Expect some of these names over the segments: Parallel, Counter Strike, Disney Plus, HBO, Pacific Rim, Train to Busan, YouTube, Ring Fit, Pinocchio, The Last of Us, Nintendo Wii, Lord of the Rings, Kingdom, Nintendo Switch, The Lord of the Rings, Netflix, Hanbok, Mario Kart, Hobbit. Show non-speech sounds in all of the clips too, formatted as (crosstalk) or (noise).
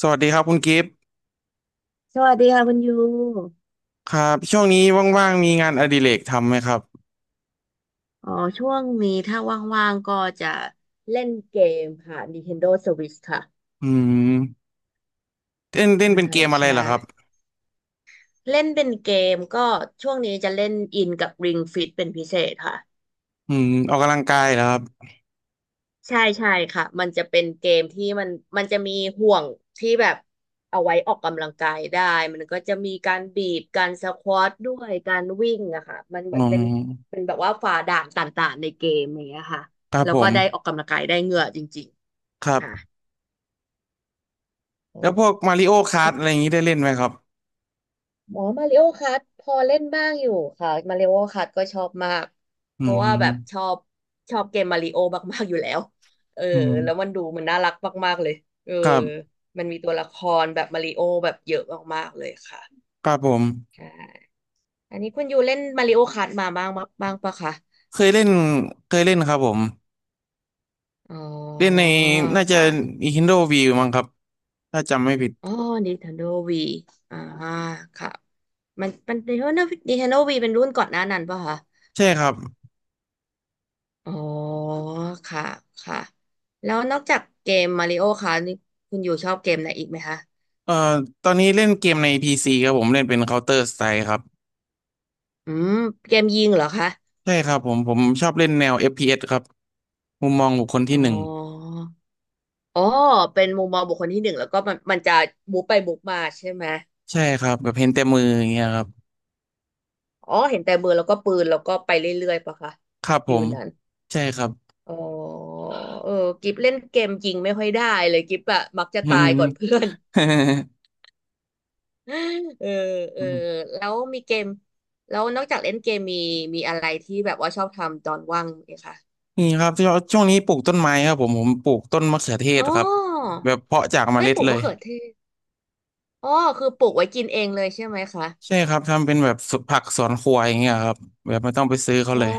สวัสดีครับคุณกิฟต์สวัสดีค่ะคุณยูครับช่วงนี้ว่างๆมีงานอดิเรกทำไหมครับอ๋อช่วงนี้ถ้าว่างๆก็จะเล่นเกมค่ะ Nintendo Switch ค่ะอืมเล่นเล่นใช่เป็นเกมอะไรใช่เหรอครับเล่นเป็นเกมก็ช่วงนี้จะเล่นอินกับ Ring Fit เป็นพิเศษค่ะอืมออกกำลังกายเหรอครับใช่ใช่ค่ะมันจะเป็นเกมที่มันจะมีห่วงที่แบบเอาไว้ออกกำลังกายได้มันก็จะมีการบีบการสควอตด้วยการวิ่งอะค่ะมันเหอืมือนเป็นมเป็นแบบว่าฝ่าด่านต่างๆในเกมอย่างเงี้ยค่ะครับแล้วผก็มได้ออกกำลังกายได้เหงื่อจริงครัๆค่ะ บอ๋แล้วพวกอมาริโอค r t อะไรอย่างนี้ได้เล่นไหมครับหมอมาริโอคัทพอเล่นบ้างอยู่ค่ะมาริโอคัทก็ชอบมากอืเพราะว่าแบบชอมบชอบเกมมาริโอมากๆอยู่แล้วเอออืมแล้วมันดูมันน่ารักมากๆเลยเออครับมันมีตัวละครแบบมาริโอแบบเยอะมากๆเลยค่ะครับผมใช่อันนี้คุณยูเล่นมาริโอคัทมาบ้างบ้างปะคะเคยเล่นเคยเล่นครับผมอ๋อเล่นในน่าคจะ ่ะ Nintendo Wii มั้งครับถ้าจำไม่ผิดอ๋อ Nintendo Wii อ่าค่ะมันมัน Nintendo Nintendo Wii เป็นรุ่นก่อนหน้านั้นปะคะ ใช่ครับอ๋อค่ะค่ะแล้วนอกจากเกมมาริโอคะนี่คุณอยู่ชอบเกมไหนอีกไหมคะเอ่อตอนนี้เล่นเกมในพีซีครับผมเล่นเป็น Counter Strike ครับอืมเกมยิงเหรอคะใช่ครับผมชอบเล่นแนว f อฟพีเอสครับ มุมมองบุคคลอ๋ที่อหนึ่งอ๋อเป็นมุมมองบุคคลที่หนึ่งแล้วก็มันจะบุกไปบุกมาใช่ไหมใช่ครับแบบเห็นแต่มืออย่างเงี้ยครับอ๋อเห็นแต่มือแล้วก็ปืนแล้วก็ไปเรื่อยๆปะคะครับผฟิวมนั้นใช่ครับ อ๋อเออกิฟเล่นเกมยิงไม่ค่อยได้เลยกิฟอะมักจะ (laughs) อืตายม ก่อนเพื่อน เออเออ (laughs) แล้วมีเกมแล้วนอกจากเล่นเกมมีมีอะไรที่แบบว่าชอบทำตอนว่างไหมคะนี่ครับช่วงนี้ปลูกต้นไม้ครับผมปลูกต้นมะเขือเทศอ๋อครับแบบเพาะจากเมไม่ล็ดปลูกเลมะยเขือเทศอ๋อคือปลูกไว้กินเองเลยใช่ไหมคะใช่ครับทำเป็นแบบสวนผักสวนครัวอย่างเงี้ยครับแบบไม่ต้องไปซื้อเขาอ๋อเลย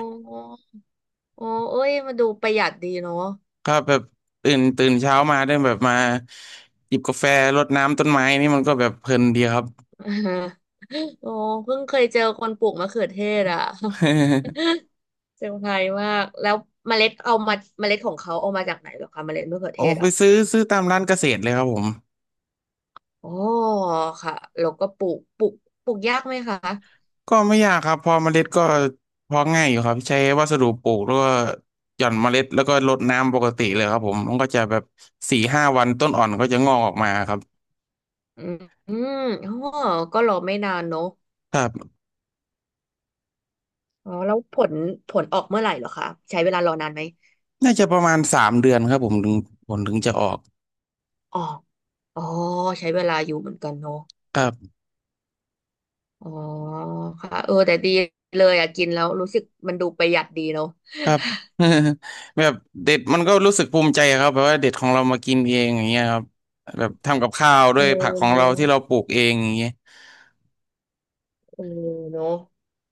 อ๋อเอ้ยมาดูประหยัดดีเนาะ ครับแบบตื่นเช้ามาได้แบบมาหยิบกาแฟรดน้ำต้นไม้นี่มันก็แบบเพลินดีครับ (laughs) โอ้เพิ่งเคยเจอคนปลูกมะเขือเทศอ่ะ (laughs) (laughs) เซอร์ไพรส์มากแล้วเมล็ดเอามาเมล็ดของเขาเอามาจากไหนเหรอคะเมล็ดมะเขือโอ้เทศไปอ่ะซื้อตามร้านเกษตรเลยครับผม อ๋อค่ะแล้วก็ปลูกปลูกยากไหมคะ ก็ไม่ยากครับพอเมล็ดก็เพอง่ายอยู่ครับใช้วัสดุปลูกแล้วก็หย่อนเมล็ดแล้วก็รดน้ำปกติเลยครับผมมันก็จะแบบสี่ห้าวันต้นอ่อนก็จะงอกออกมาครับอืมอืมอ๋อก็รอไม่นานเนอะครับอ๋อแล้วผลผลออกเมื่อไหร่เหรอคะใช้เวลารอนานไหมน่าจะประมาณสามเดือนครับผมถึงผลถึงจะออกอ๋ออ๋อใช้เวลาอยู่เหมือนกันเนอะครับอ๋อค่ะเออแต่ดีเลยอะกินแล้วรู้สึกมันดูประหยัดดีเนอะครับ (laughs) แบบเด็ดมันก็รู้สึกภูมิใจครับแบบว่าเด็ดของเรามากินเองอย่างเงี้ยครับแบบทำกับข้าวด้เอวอยผักของเนเราอะที่เราปลูกเองอย่างเงี้ยเออเนอะ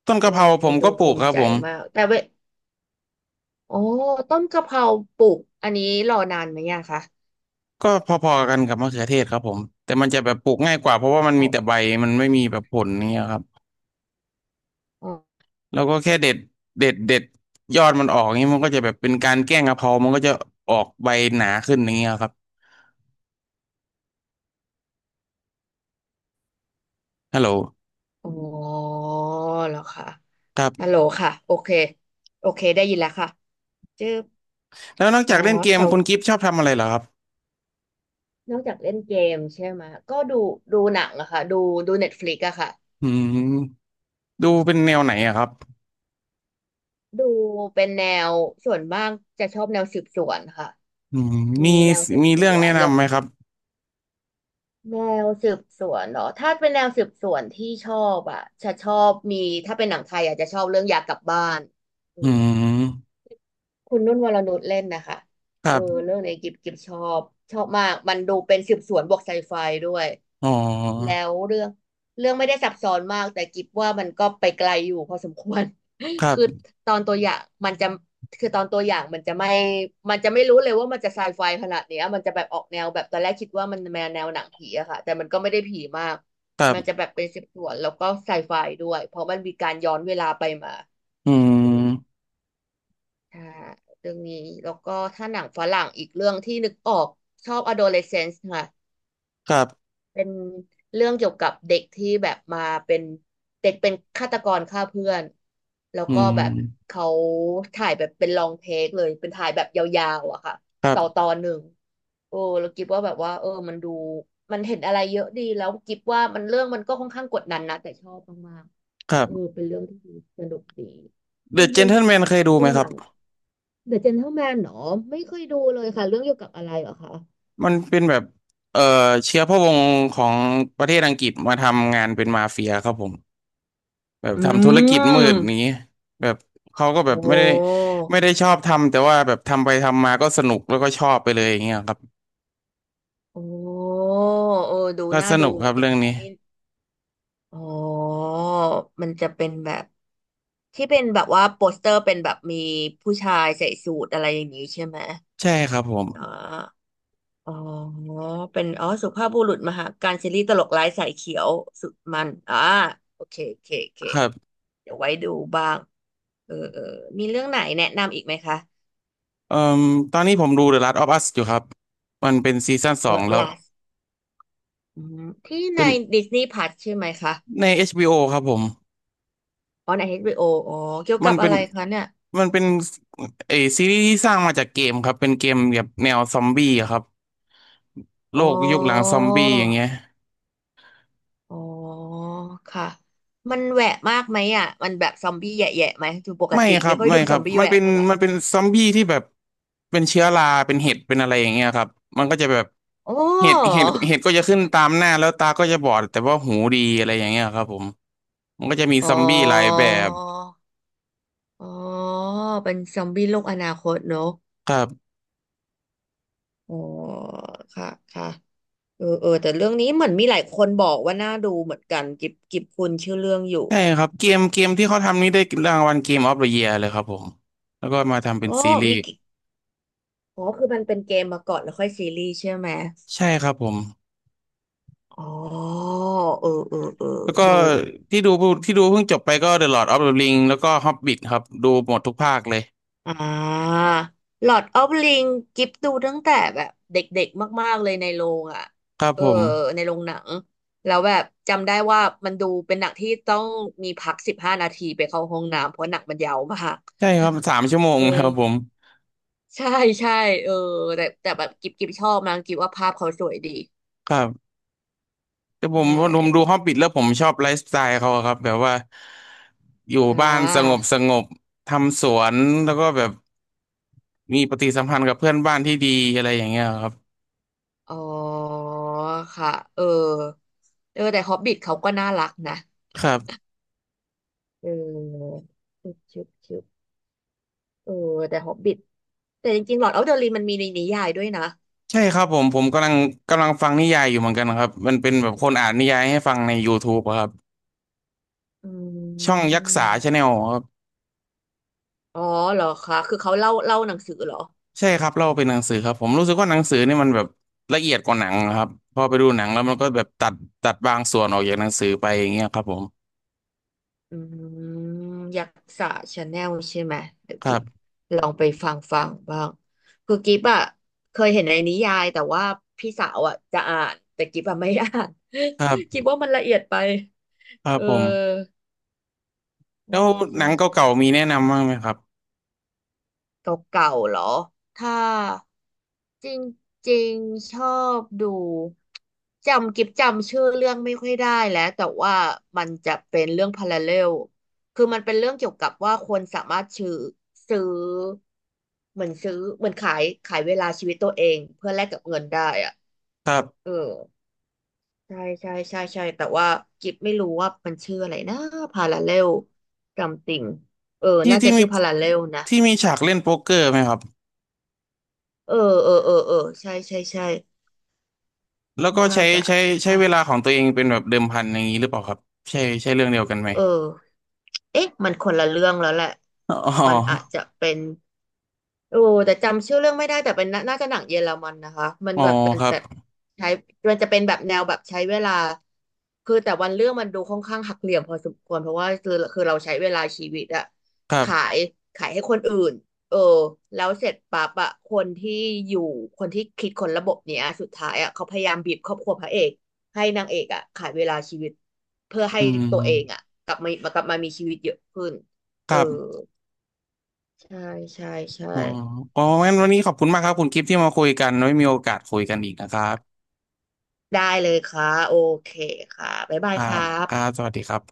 ต้นเออกะเพราผมันมดูก็ปภูลูกคมิรับใจผม มากแต่เวอ๋อต้นกะเพราปลูกอันนี้รอนานไหมอะคะก็พอๆกันกับมะเขือเทศครับผมแต่มันจะแบบปลูกง่ายกว่าเพราะว่ามันอ๋มีอแต่ใบมันไม่มีแบบผลเนี่ยครับอ๋อแล้วก็แค่เด็ดยอดมันออกเงนี้มันก็จะแบบเป็นการแกล้งกะเพรามันก็จะออกใบหนาขึ้นอย่างเงี้ยครับฮัลโหลอ๋อเหรอคะครับฮัลโหลค่ะโอเคโอเคได้ยินแล้วค่ะเจอ แล้วนอกอ๋จาอกเล่นเกมแต่คุณกิฟต์ชอบทำอะไรเหรอครับนอกจากเล่นเกมใช่ไหมก็ดูดูหนังอะค่ะดูดูเน็ตฟลิกอะค่ะอืมดูเป็นแนวไหนอะครับดูเป็นแนวส่วนมากจะชอบแนวสืบสวนค่ะอืมมีมีแนวสืบมีสเรื่องวนแนะแล้วนำไหมครับแนวสืบสวนเหรอถ้าเป็นแนวสืบสวนที่ชอบอะจะชอบมีถ้าเป็นหนังไทยอาจจะชอบเรื่องอยากกลับบ้านอือืม มคุณนุ่นวรนุชเล่นนะคะคเอรัอบเรื่องเนี้ยกิบกิบชอบชอบมากมันดูเป็นสืบสวนบวกไซไฟด้วยอ๋แล้อวเรื่องเรื่องไม่ได้ซับซ้อนมากแต่กิบว่ามันก็ไปไกลอยู่พอสมควร ครั (laughs) คือบตอนตัวอย่างมันจะคือตอนตัวอย่างมันจะไม่มันจะไม่รู้เลยว่ามันจะไซไฟขนาดเนี้ยมันจะแบบออกแนวแบบตอนแรกคิดว่ามันแนวแนวหนังผีอะค่ะแต่มันก็ไม่ได้ผีมากครัมันจะแบบบเป็นสืบสวนแล้วก็ไซไฟด้วยเพราะมันมีการย้อนเวลาไปมา อืมค่ะเรื่องนี้แล้วก็ถ้าหนังฝรั่งอีกเรื่องที่นึกออกชอบ Adolescence ค่ะครับเป็นเรื่องเกี่ยวกับเด็กที่แบบมาเป็นเด็กเป็นฆาตกรฆ่าเพื่อนแล้วอืก็แบบมเขาถ่ายแบบเป็นลองเทคเลยเป็นถ่ายแบบยาวๆอะค่ะครัต่อตบอนหนึ่งโอ้เราคิดว่าแบบว่าเออมันดูมันเห็นอะไรเยอะดีแล้วกิบว่ามันเรื่องมันก็ค่อนข้างกดดันนะแต่ชอบมาก ครัเออบ เป็นเรื่องที่สนุกดีเดคุณอะเจยูน t l e แมนเคยดูดูไหมคหรันับง The Gentleman เหรอไม่เคยดูเลยค่ะเรื่องเกี่ยวกับอะไรเหรอคะมันเป็นแบบเอ่อเชื้อพระวงศ์ของประเทศอังกฤษมาทำงานเป็นมาเฟียครับผมแบบอืทำธุรกิจมืดนี้มแบบเขาก็แบโอ้บไม่ได้ชอบทำแต่ว่าแบบทำไปทำมาก็สนุกแล้วก็ชอบไปเลยอย่างเงี้ยครับโอ้เออดูก็น่าสดูนุกเหคมืรัอบนกันเรื่องน้องนี้มินอ๋อมันจะเป็นแบบที่เป็นแบบว่าโปสเตอร์เป็นแบบมีผู้ชายใส่สูทอะไรอย่างนี้ใช่ไหมใช่ครับผมอ่า อ๋อเป็น อ๋อ สุภาพบุรุษมหาการซีรีส์ตลกร้ายสายเขียวสุดมันอ่าโอเคโอเคโอเคครับเดี๋ยวไว้ดูบ้างเออเออ มีเรื่องไหนแนะนำอีกไหมคะ เอ่มตอนนี้ผมดู The Last of Us อยู่ครับมันเป็นซีซั่นสอง The แล้ว Last อืมที่ใน เป็น Disney Plus ใช่ไหมคะใน HBO ครับผม อ๋อใน h ร o ออ๋อ เกี่ยวมักันบเป็อะนไรคะเนี่ย มันเป็นเออซีรีส์ที่สร้างมาจากเกมครับเป็นเกมแบบแนวซอมบี้อะครับโลอ๋อ กยุคหลังซอมบี้อย่างเงี้ยอ๋อ ค่ะ มันแหวะมากไหมอ่ะมันแบบซอมบี้แยะๆไหมคือปกไม่ติครัไม่บค่อยไม่ดูคซรัอบมบี้มันแหวะเป็นเท่าไหร่มันเป็นซอมบี้ที่แบบเป็นเชื้อราเป็นเห็ดเป็นอะไรอย่างเงี้ยครับมันก็จะแบบอ๋อเห็ดก็จะขึ้นตามหน้าแล้วตาก็จะบอดแต่ว่าหูดีอะไรอย่างเงี้ยครับผมมันก็จะมีอ๋อ ซอมบี้หลายแบบอ๋อเป็นซอมบี้โลกอนาคตเนอะครับอ๋อค่ะค่ะเออเออแต่เรื่องนี้เหมือนมีหลายคนบอกว่าน่าดูเหมือนกันกิบกิบคุณชื่อเรื่องอยู่ใช่ครับเกมที่เขาทำนี่ได้รางวัลเกมออฟเดอะเยียร์เลยครับผมแล้วก็มาทำเป็นอ๋อซีรีมีส์กิอ๋อคือมันเป็นเกมมาก่อนแล้วค่อยซีรีส์ใช่ไหมใช่ครับผม อ๋อเออเออเออแล้วก็ดู ที่ดูที่ดูเพิ่งจบไปก็ The Lord of the Ring แล้วก็ Hobbit ครับดูหมดทุกภาคเลยอ่าหลอดออฟลิงกิฟดูตั้งแต่แบบเด็กๆมากๆเลยในโรงอ่ะครับเออผมในโรงหนังแล้วแบบจำได้ว่ามันดูเป็นหนังที่ต้องมีพัก15 นาทีไปเข้าห้องน้ำเพราะหนังมันยาวมากใช่ครับสามชั่วโมงเอครัอบผมใช่ใช่เออแต่แบบกิฟชอบนะกิฟว่าภาพเขาสวยดีครับแต่ผใช่มผมดู Hobbit แล้วผมชอบไลฟ์สไตล์เขาอะครับแบบว่าอยู่อ่บ้านสงบาสงบทำสวนแล้วก็แบบมีปฏิสัมพันธ์กับเพื่อนบ้านที่ดีอะไรอย่างเงี้ยครับอ๋อค่ะเออเออแต่ฮอบบิ t เขาก็น่ารักนะครับเออชึบชึบชึบเออแต่ฮอบบิ แต่จริงๆ Lord of the Ring มันมีในนิยายด้วยนะใช่ครับผมผมกำลังฟังนิยายอยู่เหมือนกันครับมันเป็นแบบคนอ่านนิยายให้ฟังใน YouTube อะครับอืช่องยักษาชาแนมล อ๋อเหรอคะ คือเขาเล่าหนังสือเหรอใช่ครับเล่าเป็นหนังสือครับผมรู้สึกว่าหนังสือนี่มันแบบละเอียดกว่าหนังครับพอไปดูหนังแล้วมันก็แบบตัดบางส่วนออกจากหนังสือไปอย่างเงี้ยครับผมอืมยักษ์ชาแนลใช่ไหมเดี๋ยวคกิรัฟบลองไปฟังบ้าง คือกิฟอะ เคยเห็นในนิยายแต่ว่าพี่สาวอะจะอ่านแต่กิฟอะไม่อ่าน ครั (laughs) กิบฟว่ามันละเอียดไป ครับเอผมอแล้ใช่วหนัใช่ งเก่าๆมีแนะนำบ้างไหมครับเก่าๆเหรอ ถ้าจริงๆ ชอบดูจำกิบจำชื่อเรื่องไม่ค่อยได้แล้วแต่ว่ามันจะเป็นเรื่องพาราเรลคือมันเป็นเรื่องเกี่ยวกับว่าคนสามารถซื้อเหมือนซื้อเหมือนขายเวลาชีวิตตัวเองเพื่อแลกกับเงินได้อะครัเออบใช่แต่ว่ากิฟไม่รู้ว่ามันชื่ออะไรนะพาราเรลจำติงเออที่น่าจะที่มีชื่อพาราเรลนะ ที่มีฉากเล่นโป๊กเกอร์ไหมครับเออ เออ เออ เออ ใช่ใช่ใช่แล้วก็น่าใช้จะใช้ใช้ค่ะ เวลาของตัวเองเป็นแบบเดิมพันอย่างนี้หรือเปล่าครับใช่ใช่เรื่องเดียวกันไหมเออ เอ๊ะมันคนละเรื่องแล้วแหละ อ๋มันอาอจจะเป็น โอ้แต่จำชื่อเรื่องไม่ได้แต่เป็นน่าน่าจะหนังเยอรมันนะคะมันอ๋อแบบเป็นครัแบบบใช้มันจะเป็นแบบแนวแบบใช้เวลาแต่วันเรื่องมันดูค่อนข้างหักเหลี่ยมพอสมควรเพราะว่าคือเราใช้เวลาชีวิตอะครัขาบยขายให้คนอื่นเออแล้วเสร็จปั๊บอะคนที่อยู่คนที่คิดคนระบบเนี้ยสุดท้ายอะเขาพยายามบีบครอบครัวพระเอกให้นางเอกอะขายเวลาชีวิตเพื่อให้อืตัวเองมอะกลับมากลับมามีชีวิตเยอะขึ้นคเออรับ ใช่ใช่ใช่ อ๋ออ๋องั้นวันนี้ขอบคุณมากครับ คุณกิฟที่มาคุยกันไว้มีโอกาสคุยกันอีกนะครับได้เลยค่ะโอเคค่ะบ๊ายบาคยรัครับครับบสวัสดีครับ